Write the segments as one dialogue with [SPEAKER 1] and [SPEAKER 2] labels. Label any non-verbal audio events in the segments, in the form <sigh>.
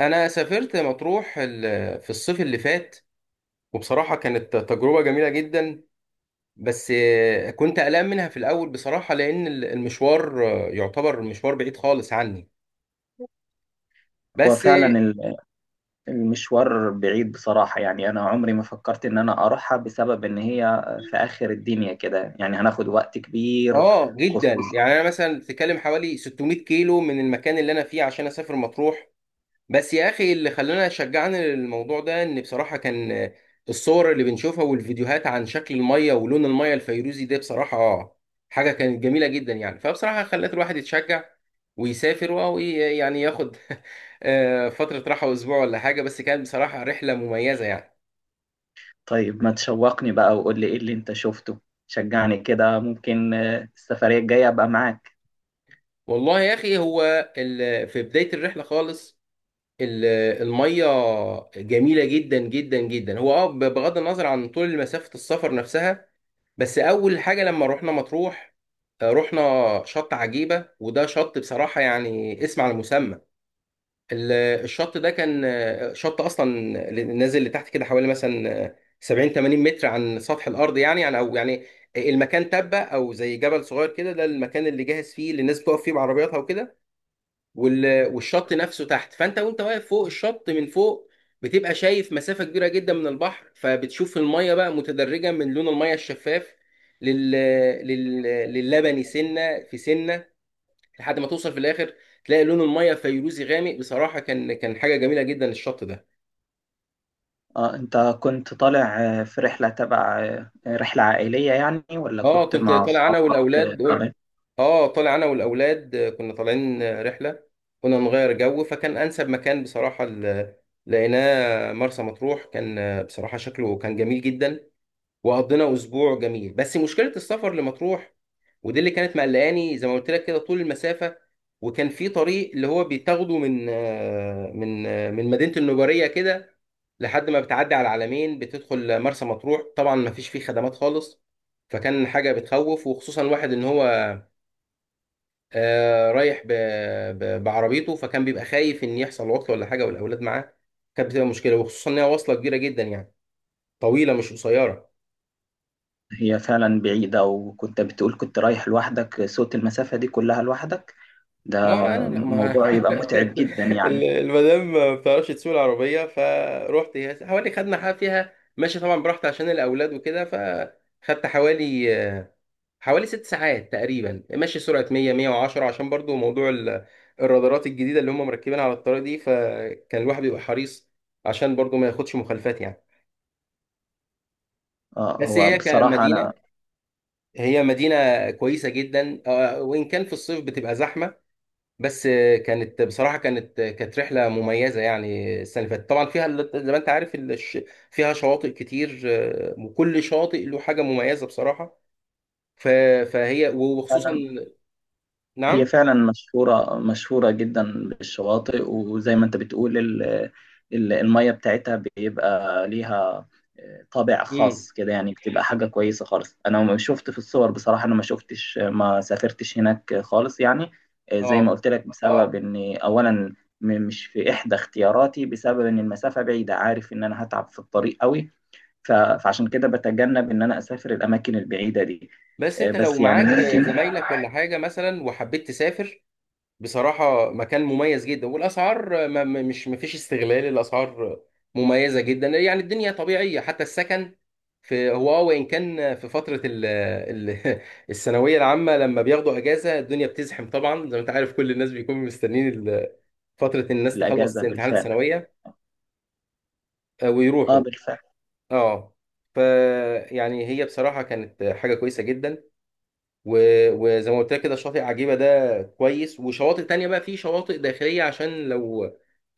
[SPEAKER 1] انا سافرت مطروح في الصيف اللي فات، وبصراحه كانت تجربه جميله جدا. بس كنت قلقان منها في الاول بصراحه لان المشوار يعتبر مشوار بعيد خالص عني.
[SPEAKER 2] هو
[SPEAKER 1] بس اه
[SPEAKER 2] فعلا المشوار بعيد بصراحة، يعني أنا عمري ما فكرت إن أنا أروحها بسبب إن هي في آخر الدنيا كده، يعني هناخد وقت كبير،
[SPEAKER 1] آه، جدا
[SPEAKER 2] خصوصا.
[SPEAKER 1] يعني انا مثلا تكلم حوالي 600 كيلو من المكان اللي انا فيه عشان اسافر مطروح. بس يا اخي اللي خلانا شجعنا للموضوع ده ان بصراحه كان، الصور اللي بنشوفها والفيديوهات عن شكل الميه ولون الميه الفيروزي ده بصراحه حاجه كانت جميله جدا يعني، فبصراحه خلت الواحد يتشجع ويسافر ويعني ياخد <laughs> فتره راحه اسبوع ولا حاجه، بس كانت بصراحه رحله مميزه يعني.
[SPEAKER 2] طيب ما تشوقني بقى وقول لي إيه اللي أنت شفته، شجعني كده، ممكن السفرية الجاية أبقى معاك.
[SPEAKER 1] والله يا اخي، هو في بدايه الرحله خالص، ال- الميه جميله جدا جدا جدا. هو اه بغض النظر عن طول مسافه السفر نفسها، بس اول حاجه لما رحنا مطروح رحنا شط عجيبه، وده شط بصراحه يعني اسم على المسمى. ال- الشط ده كان شط اصلا نازل لتحت كده حوالي مثلا 70 80 متر عن سطح الارض، يعني او يعني المكان تبه او زي جبل صغير كده، ده المكان اللي جاهز فيه اللي الناس بتقف فيه بعربياتها وكده. والشط نفسه تحت، فانت واقف فوق الشط من فوق بتبقى شايف مسافة كبيرة جدا من البحر، فبتشوف المية بقى متدرجة من لون المية الشفاف لل... لل... للبني سنة في سنة، لحد ما توصل في الآخر تلاقي لون المية فيروزي غامق. بصراحة كان حاجة جميلة جدا الشط ده.
[SPEAKER 2] أنت كنت طالع في رحلة تبع آه، رحلة عائلية يعني، ولا
[SPEAKER 1] اه
[SPEAKER 2] كنت
[SPEAKER 1] كنت
[SPEAKER 2] مع
[SPEAKER 1] طالع انا
[SPEAKER 2] أصحابك
[SPEAKER 1] والاولاد،
[SPEAKER 2] طالع؟
[SPEAKER 1] اه طلع انا والاولاد، كنا طالعين رحله كنا نغير جو، فكان انسب مكان بصراحه لقيناه مرسى مطروح. كان بصراحه شكله كان جميل جدا، وقضينا اسبوع جميل. بس مشكله السفر لمطروح، ودي اللي كانت مقلقاني زي ما قلت لك كده، طول المسافه. وكان في طريق اللي هو بيتاخده من من مدينه النجاريه كده لحد ما بتعدي على العلمين بتدخل مرسى مطروح، طبعا ما فيش فيه خدمات خالص. فكان حاجه بتخوف، وخصوصا واحد ان هو رايح بعربيته، فكان بيبقى خايف ان يحصل عطله ولا حاجه والاولاد معاه، كانت بتبقى مشكله. وخصوصا ان هي واصله كبيره جدا يعني، طويله مش قصيره.
[SPEAKER 2] هي فعلا بعيدة، وكنت بتقول كنت رايح لوحدك، سوت المسافة دي كلها لوحدك، ده
[SPEAKER 1] اه انا لا ما
[SPEAKER 2] موضوع يبقى
[SPEAKER 1] <laughs>
[SPEAKER 2] متعب جدا يعني.
[SPEAKER 1] المدام ما بتعرفش تسوق العربيه، فروحت هي حوالي خدنا حاجه فيها ماشي طبعا براحتي عشان الاولاد وكده، فخدت حوالي حوالي ست ساعات تقريبا ماشي سرعه 100 110 عشان برضو موضوع الرادارات الجديده اللي هم مركبين على الطريق دي. فكان الواحد بيبقى حريص عشان برضو ما ياخدش مخالفات يعني.
[SPEAKER 2] اه،
[SPEAKER 1] بس
[SPEAKER 2] هو
[SPEAKER 1] هي
[SPEAKER 2] بصراحة أنا
[SPEAKER 1] كمدينة، مدينة كويسة جدا، وإن كان في الصيف بتبقى زحمة. بس كانت بصراحة كانت رحلة مميزة يعني. السنة اللي فاتت طبعا فيها زي ما أنت عارف فيها شواطئ كتير وكل شاطئ له حاجة مميزة بصراحة. ف- فهي وخصوصا،
[SPEAKER 2] فعلا. هي
[SPEAKER 1] نعم.
[SPEAKER 2] فعلا مشهورة مشهورة جدا بالشواطئ، وزي ما أنت بتقول المية بتاعتها بيبقى ليها طابع
[SPEAKER 1] امم،
[SPEAKER 2] خاص كده يعني، بتبقى حاجة كويسة خالص، أنا ما شفت في الصور، بصراحة أنا ما شفتش ما سافرتش هناك خالص يعني. زي
[SPEAKER 1] اه.
[SPEAKER 2] ما قلت لك بسبب إن أولا مش في إحدى اختياراتي، بسبب إن المسافة بعيدة، عارف إن أنا هتعب في الطريق قوي، فعشان كده بتجنب ان انا اسافر الاماكن البعيده دي.
[SPEAKER 1] بس أنت لو
[SPEAKER 2] بس يعني
[SPEAKER 1] معاك
[SPEAKER 2] ممكن.
[SPEAKER 1] زمايلك ولا حاجة مثلا وحبيت تسافر، بصراحة مكان مميز جدا، والأسعار ما ما- مش ما فيش استغلال، الأسعار مميزة جدا يعني، الدنيا طبيعية، حتى السكن. في هو اه وإن كان في فترة ال ال <laughs> الثانوية العامة لما بياخدوا أجازة الدنيا بتزحم طبعا، زي ما أنت عارف كل الناس بيكونوا مستنين فترة إن الناس
[SPEAKER 2] الاجازه
[SPEAKER 1] تخلص امتحانات
[SPEAKER 2] بالفعل،
[SPEAKER 1] الثانوية
[SPEAKER 2] اه،
[SPEAKER 1] ويروحوا.
[SPEAKER 2] بالفعل.
[SPEAKER 1] اه، ف يعني هي بصراحة كانت حاجة كويسة جدا. وزي ما قلت لك كده شاطئ عجيبة ده كويس، وشواطئ تانية بقى، في شواطئ داخلية عشان لو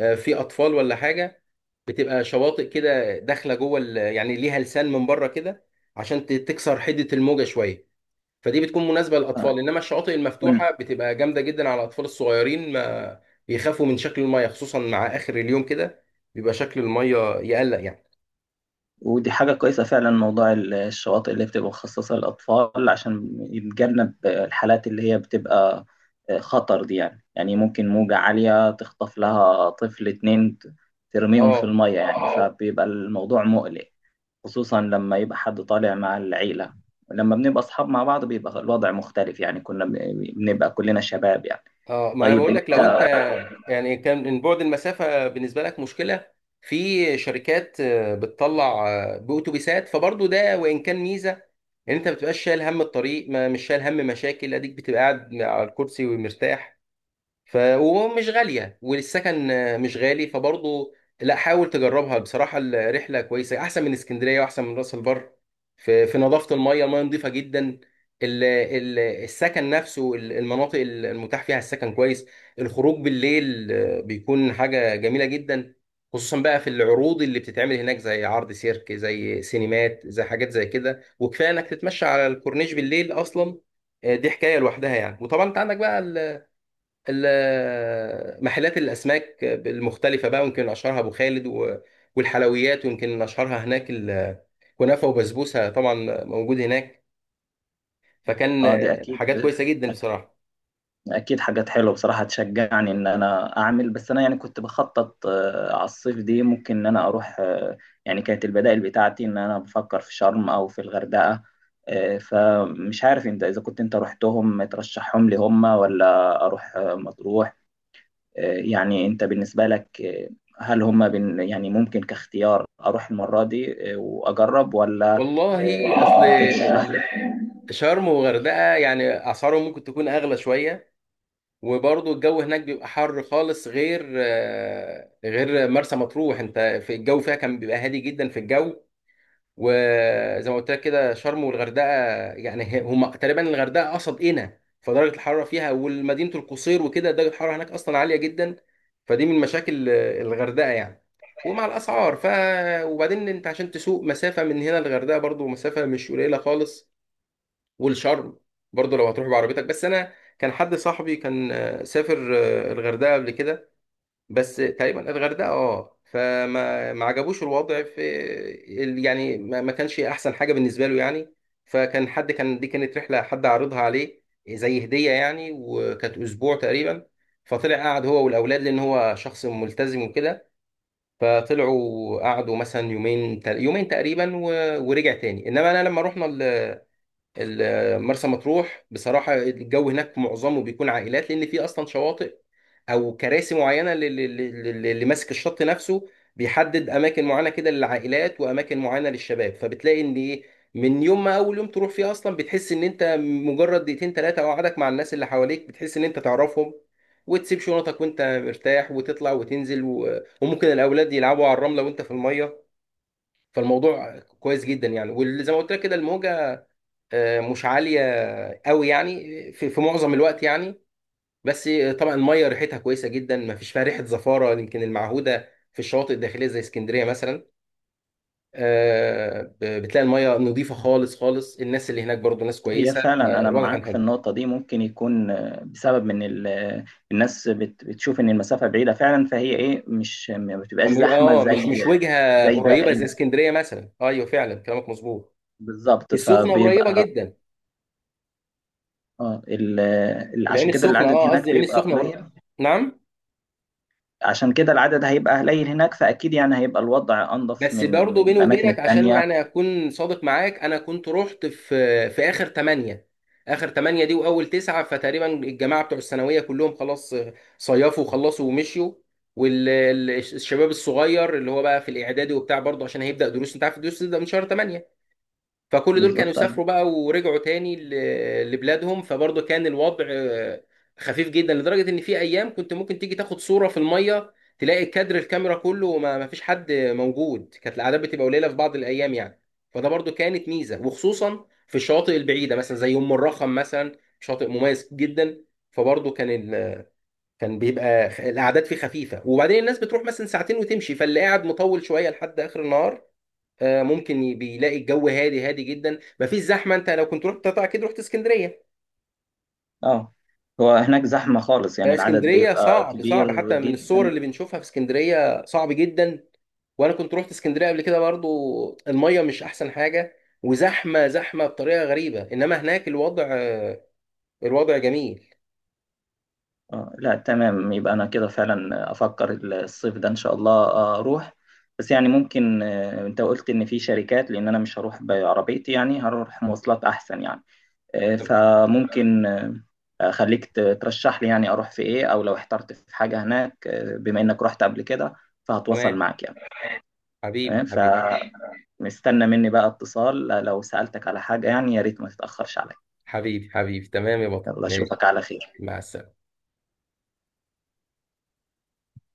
[SPEAKER 1] في أطفال ولا حاجة، بتبقى شواطئ كده داخلة جوه يعني ليها لسان من بره كده عشان تكسر حدة الموجة شوية. فدي بتكون مناسبة
[SPEAKER 2] آه،
[SPEAKER 1] للأطفال، إنما الشواطئ
[SPEAKER 2] ون-
[SPEAKER 1] المفتوحة بتبقى جامدة جدا على الأطفال الصغيرين، ما بيخافوا من شكل المية خصوصا مع آخر اليوم كده بيبقى شكل المية يقلق يعني.
[SPEAKER 2] ودي حاجه كويسه فعلا، موضوع الشواطئ اللي بتبقى مخصصه للاطفال، عشان يتجنب الحالات اللي هي بتبقى خطر دي، يعني يعني ممكن موجه عاليه تخطف لها طفل اتنين، ترميهم في
[SPEAKER 1] اه،
[SPEAKER 2] الميه يعني، فبيبقى الموضوع مقلق، خصوصا لما يبقى حد طالع مع العيلة. لما بنبقى أصحاب مع بعض بيبقى الوضع مختلف يعني، كنا بنبقى كلنا شباب يعني.
[SPEAKER 1] اه ما انا
[SPEAKER 2] طيب
[SPEAKER 1] بقول لك، لو انت
[SPEAKER 2] أنت.
[SPEAKER 1] يعني كان من بعد المسافه بالنسبه لك مشكله، في شركات بتطلع باتوبيسات، فبرضه ده وان كان ميزه ان انت ما بتبقاش شايل هم الطريق، ما مش شايل هم مشاكل، اديك بتبقى قاعد على الكرسي ومرتاح. ف ومش غاليه، والسكن مش غالي، فبرضه لا حاول تجربها بصراحه، الرحله كويسه احسن من اسكندريه واحسن من راس البر في في نظافه الميه، الميه نظيفه جدا، ال ال السكن نفسه المناطق المتاح فيها السكن كويس. الخروج بالليل بيكون حاجه جميله جدا، خصوصا بقى في العروض اللي بتتعمل هناك زي عرض سيرك، زي سينمات، زي حاجات زي كده. وكفايه انك تتمشى على الكورنيش بالليل اصلا، دي حكايه لوحدها يعني. وطبعا انت عندك بقى محلات الاسماك المختلفه بقى، ويمكن اشهرها ابو خالد، والحلويات ويمكن اشهرها هناك كنافه وبسبوسه طبعا موجود هناك. فكان
[SPEAKER 2] آه، دي
[SPEAKER 1] حاجات
[SPEAKER 2] أكيد.
[SPEAKER 1] كويسه جدا بصراحه.
[SPEAKER 2] أكيد حاجات حلوة بصراحة، تشجعني إن أنا أعمل، بس أنا يعني كنت بخطط على الصيف دي، ممكن إن أنا أروح يعني كانت البدائل بتاعتي إن أنا بفكر في شرم أو في الغردقة. فمش عارف أنت إذا كنت أنت رحتهم ترشحهم لي هم، ولا أروح مطروح؟ يعني انت بالنسبه لك، هل هم يعني ممكن كاختيار اروح المره دي واجرب، ولا
[SPEAKER 1] والله اصل
[SPEAKER 2] ترشح لي؟
[SPEAKER 1] شرم وغردقه يعني اسعارهم ممكن تكون اغلى شويه، وبرضه الجو هناك بيبقى حر خالص غير غير مرسى مطروح. انت في الجو فيها كان بيبقى هادي جدا في الجو، وزي ما قلت لك كده شرم والغردقه يعني هم تقريبا الغردقه قصد قنا، فدرجه الحراره فيها والمدينه القصير وكده درجه الحراره هناك اصلا عاليه جدا، فدي من مشاكل الغردقه يعني. ومع الاسعار ف، وبعدين انت عشان تسوق مسافه من هنا للغردقه برضو مسافه مش قليله خالص. والشرم برضو لو هتروح بعربيتك، بس انا كان حد صاحبي كان سافر الغردقه قبل كده، بس تقريبا الغردقه اه فما ما عجبوش الوضع في يعني ما كانش احسن حاجه بالنسبه له يعني. فكان حد كان، دي كانت رحله حد عارضها عليه زي هديه يعني، وكانت اسبوع تقريبا، فطلع قعد هو والاولاد لان هو شخص ملتزم وكده، فطلعوا قعدوا مثلا يومين يومين تقريبا ورجع تاني. انما انا لما رحنا مرسى مطروح بصراحة، الجو هناك معظمه بيكون عائلات لأن في أصلا شواطئ أو كراسي معينة اللي ماسك الشط نفسه بيحدد أماكن معينة كده للعائلات وأماكن معينة للشباب، فبتلاقي إن إيه، من يوم ما أول يوم تروح فيه أصلا بتحس إن أنت مجرد دقيقتين تلاتة قعدك مع الناس اللي حواليك بتحس إن أنت تعرفهم، وتسيب شنطك وأنت مرتاح وتطلع وتنزل وممكن الأولاد يلعبوا على الرملة وأنت في المية. فالموضوع كويس جدا يعني، وزي ما قلت لك كده الموجة مش عاليه قوي يعني، في في معظم الوقت يعني. بس طبعا الميه ريحتها كويسه جدا، ما فيش فيها ريحه زفاره يمكن المعهوده في الشواطئ الداخليه زي اسكندريه مثلا. بتلاقي الميه نظيفه خالص خالص، الناس اللي هناك برضو ناس
[SPEAKER 2] هي
[SPEAKER 1] كويسه،
[SPEAKER 2] فعلا انا
[SPEAKER 1] فالوضع كان
[SPEAKER 2] معاك في
[SPEAKER 1] حلو.
[SPEAKER 2] النقطه دي، ممكن يكون بسبب من الناس بتشوف ان المسافه بعيده فعلا، فهي ايه، مش ما بتبقاش
[SPEAKER 1] اما
[SPEAKER 2] زحمه
[SPEAKER 1] اه مش
[SPEAKER 2] زي
[SPEAKER 1] مش وجهه
[SPEAKER 2] زي
[SPEAKER 1] قريبه
[SPEAKER 2] باقي
[SPEAKER 1] زي اسكندريه مثلا، ايوه فعلا كلامك مظبوط.
[SPEAKER 2] بالظبط،
[SPEAKER 1] السخنه قريبه
[SPEAKER 2] فبيبقى
[SPEAKER 1] جدا،
[SPEAKER 2] اه ال-
[SPEAKER 1] العين
[SPEAKER 2] عشان كده
[SPEAKER 1] السخنه
[SPEAKER 2] العدد
[SPEAKER 1] اه قصدي
[SPEAKER 2] هناك
[SPEAKER 1] العين
[SPEAKER 2] بيبقى
[SPEAKER 1] السخنه
[SPEAKER 2] قليل.
[SPEAKER 1] نعم.
[SPEAKER 2] عشان كده العدد هيبقى قليل هناك، فاكيد يعني هيبقى الوضع انظف
[SPEAKER 1] بس
[SPEAKER 2] من
[SPEAKER 1] برضه
[SPEAKER 2] من
[SPEAKER 1] بيني
[SPEAKER 2] الاماكن
[SPEAKER 1] وبينك عشان
[SPEAKER 2] التانيه،
[SPEAKER 1] يعني اكون صادق معاك، انا كنت رحت في في اخر ثمانية، اخر ثمانية دي واول تسعة، فتقريبا الجماعة بتوع الثانوية كلهم خلاص صيفوا وخلصوا ومشيوا، والشباب الصغير اللي هو بقى في الاعدادي وبتاع برضه عشان هيبدأ دروس، انت عارف الدروس تبدأ من شهر 8، فكل دول كانوا
[SPEAKER 2] بالظبط ايوه.
[SPEAKER 1] سافروا بقى ورجعوا تاني لبلادهم. فبرضه كان الوضع خفيف جدا، لدرجة ان في ايام كنت ممكن تيجي تاخد صورة في المية تلاقي كادر الكاميرا كله وما ما فيش حد موجود، كانت الاعداد بتبقى قليلة في بعض الايام يعني. فده برضه كانت ميزة، وخصوصا في الشواطئ البعيدة مثلا زي ام الرخم مثلا، شاطئ مميز جدا. فبرضه كان كان بيبقى الاعداد فيه خفيفة، وبعدين الناس بتروح مثلا ساعتين وتمشي، فاللي قاعد مطول شوية لحد اخر النهار بيلاقي الجو هادي جدا مفيش زحمه. انت لو كنت رحت طبعا اكيد رحت اسكندريه
[SPEAKER 2] اه، هو هناك زحمة خالص يعني، العدد
[SPEAKER 1] اسكندريه
[SPEAKER 2] بيبقى
[SPEAKER 1] صعب
[SPEAKER 2] كبير
[SPEAKER 1] حتى من الصور
[SPEAKER 2] جدا.
[SPEAKER 1] اللي بنشوفها في اسكندريه صعب جدا، وانا كنت رحت اسكندريه قبل كده برضو، الميه مش احسن حاجه، وزحمه بطريقه غريبه، انما هناك الوضع الوضع جميل.
[SPEAKER 2] اه، لا، تمام. يبقى انا كده فعلا افكر الصيف ده ان شاء الله اروح، بس يعني ممكن انت قلت ان في شركات، لان انا مش هروح بعربيتي، يعني هروح مواصلات احسن يعني. فممكن اخليك ترشح لي يعني اروح في ايه، او لو احترت في حاجة هناك، بما انك رحت قبل كده
[SPEAKER 1] تمام.
[SPEAKER 2] فهتواصل معك يعني.
[SPEAKER 1] حبيبي
[SPEAKER 2] تمام، ف
[SPEAKER 1] حبيبي
[SPEAKER 2] مستنى مني بقى اتصال لو سألتك على حاجة يعني، يا ريت ما تتأخرش عليا.
[SPEAKER 1] حبيبي حبيبي تمام يا بطل،
[SPEAKER 2] يلا
[SPEAKER 1] ماشي.
[SPEAKER 2] أشوفك على خير.
[SPEAKER 1] مع السلامه.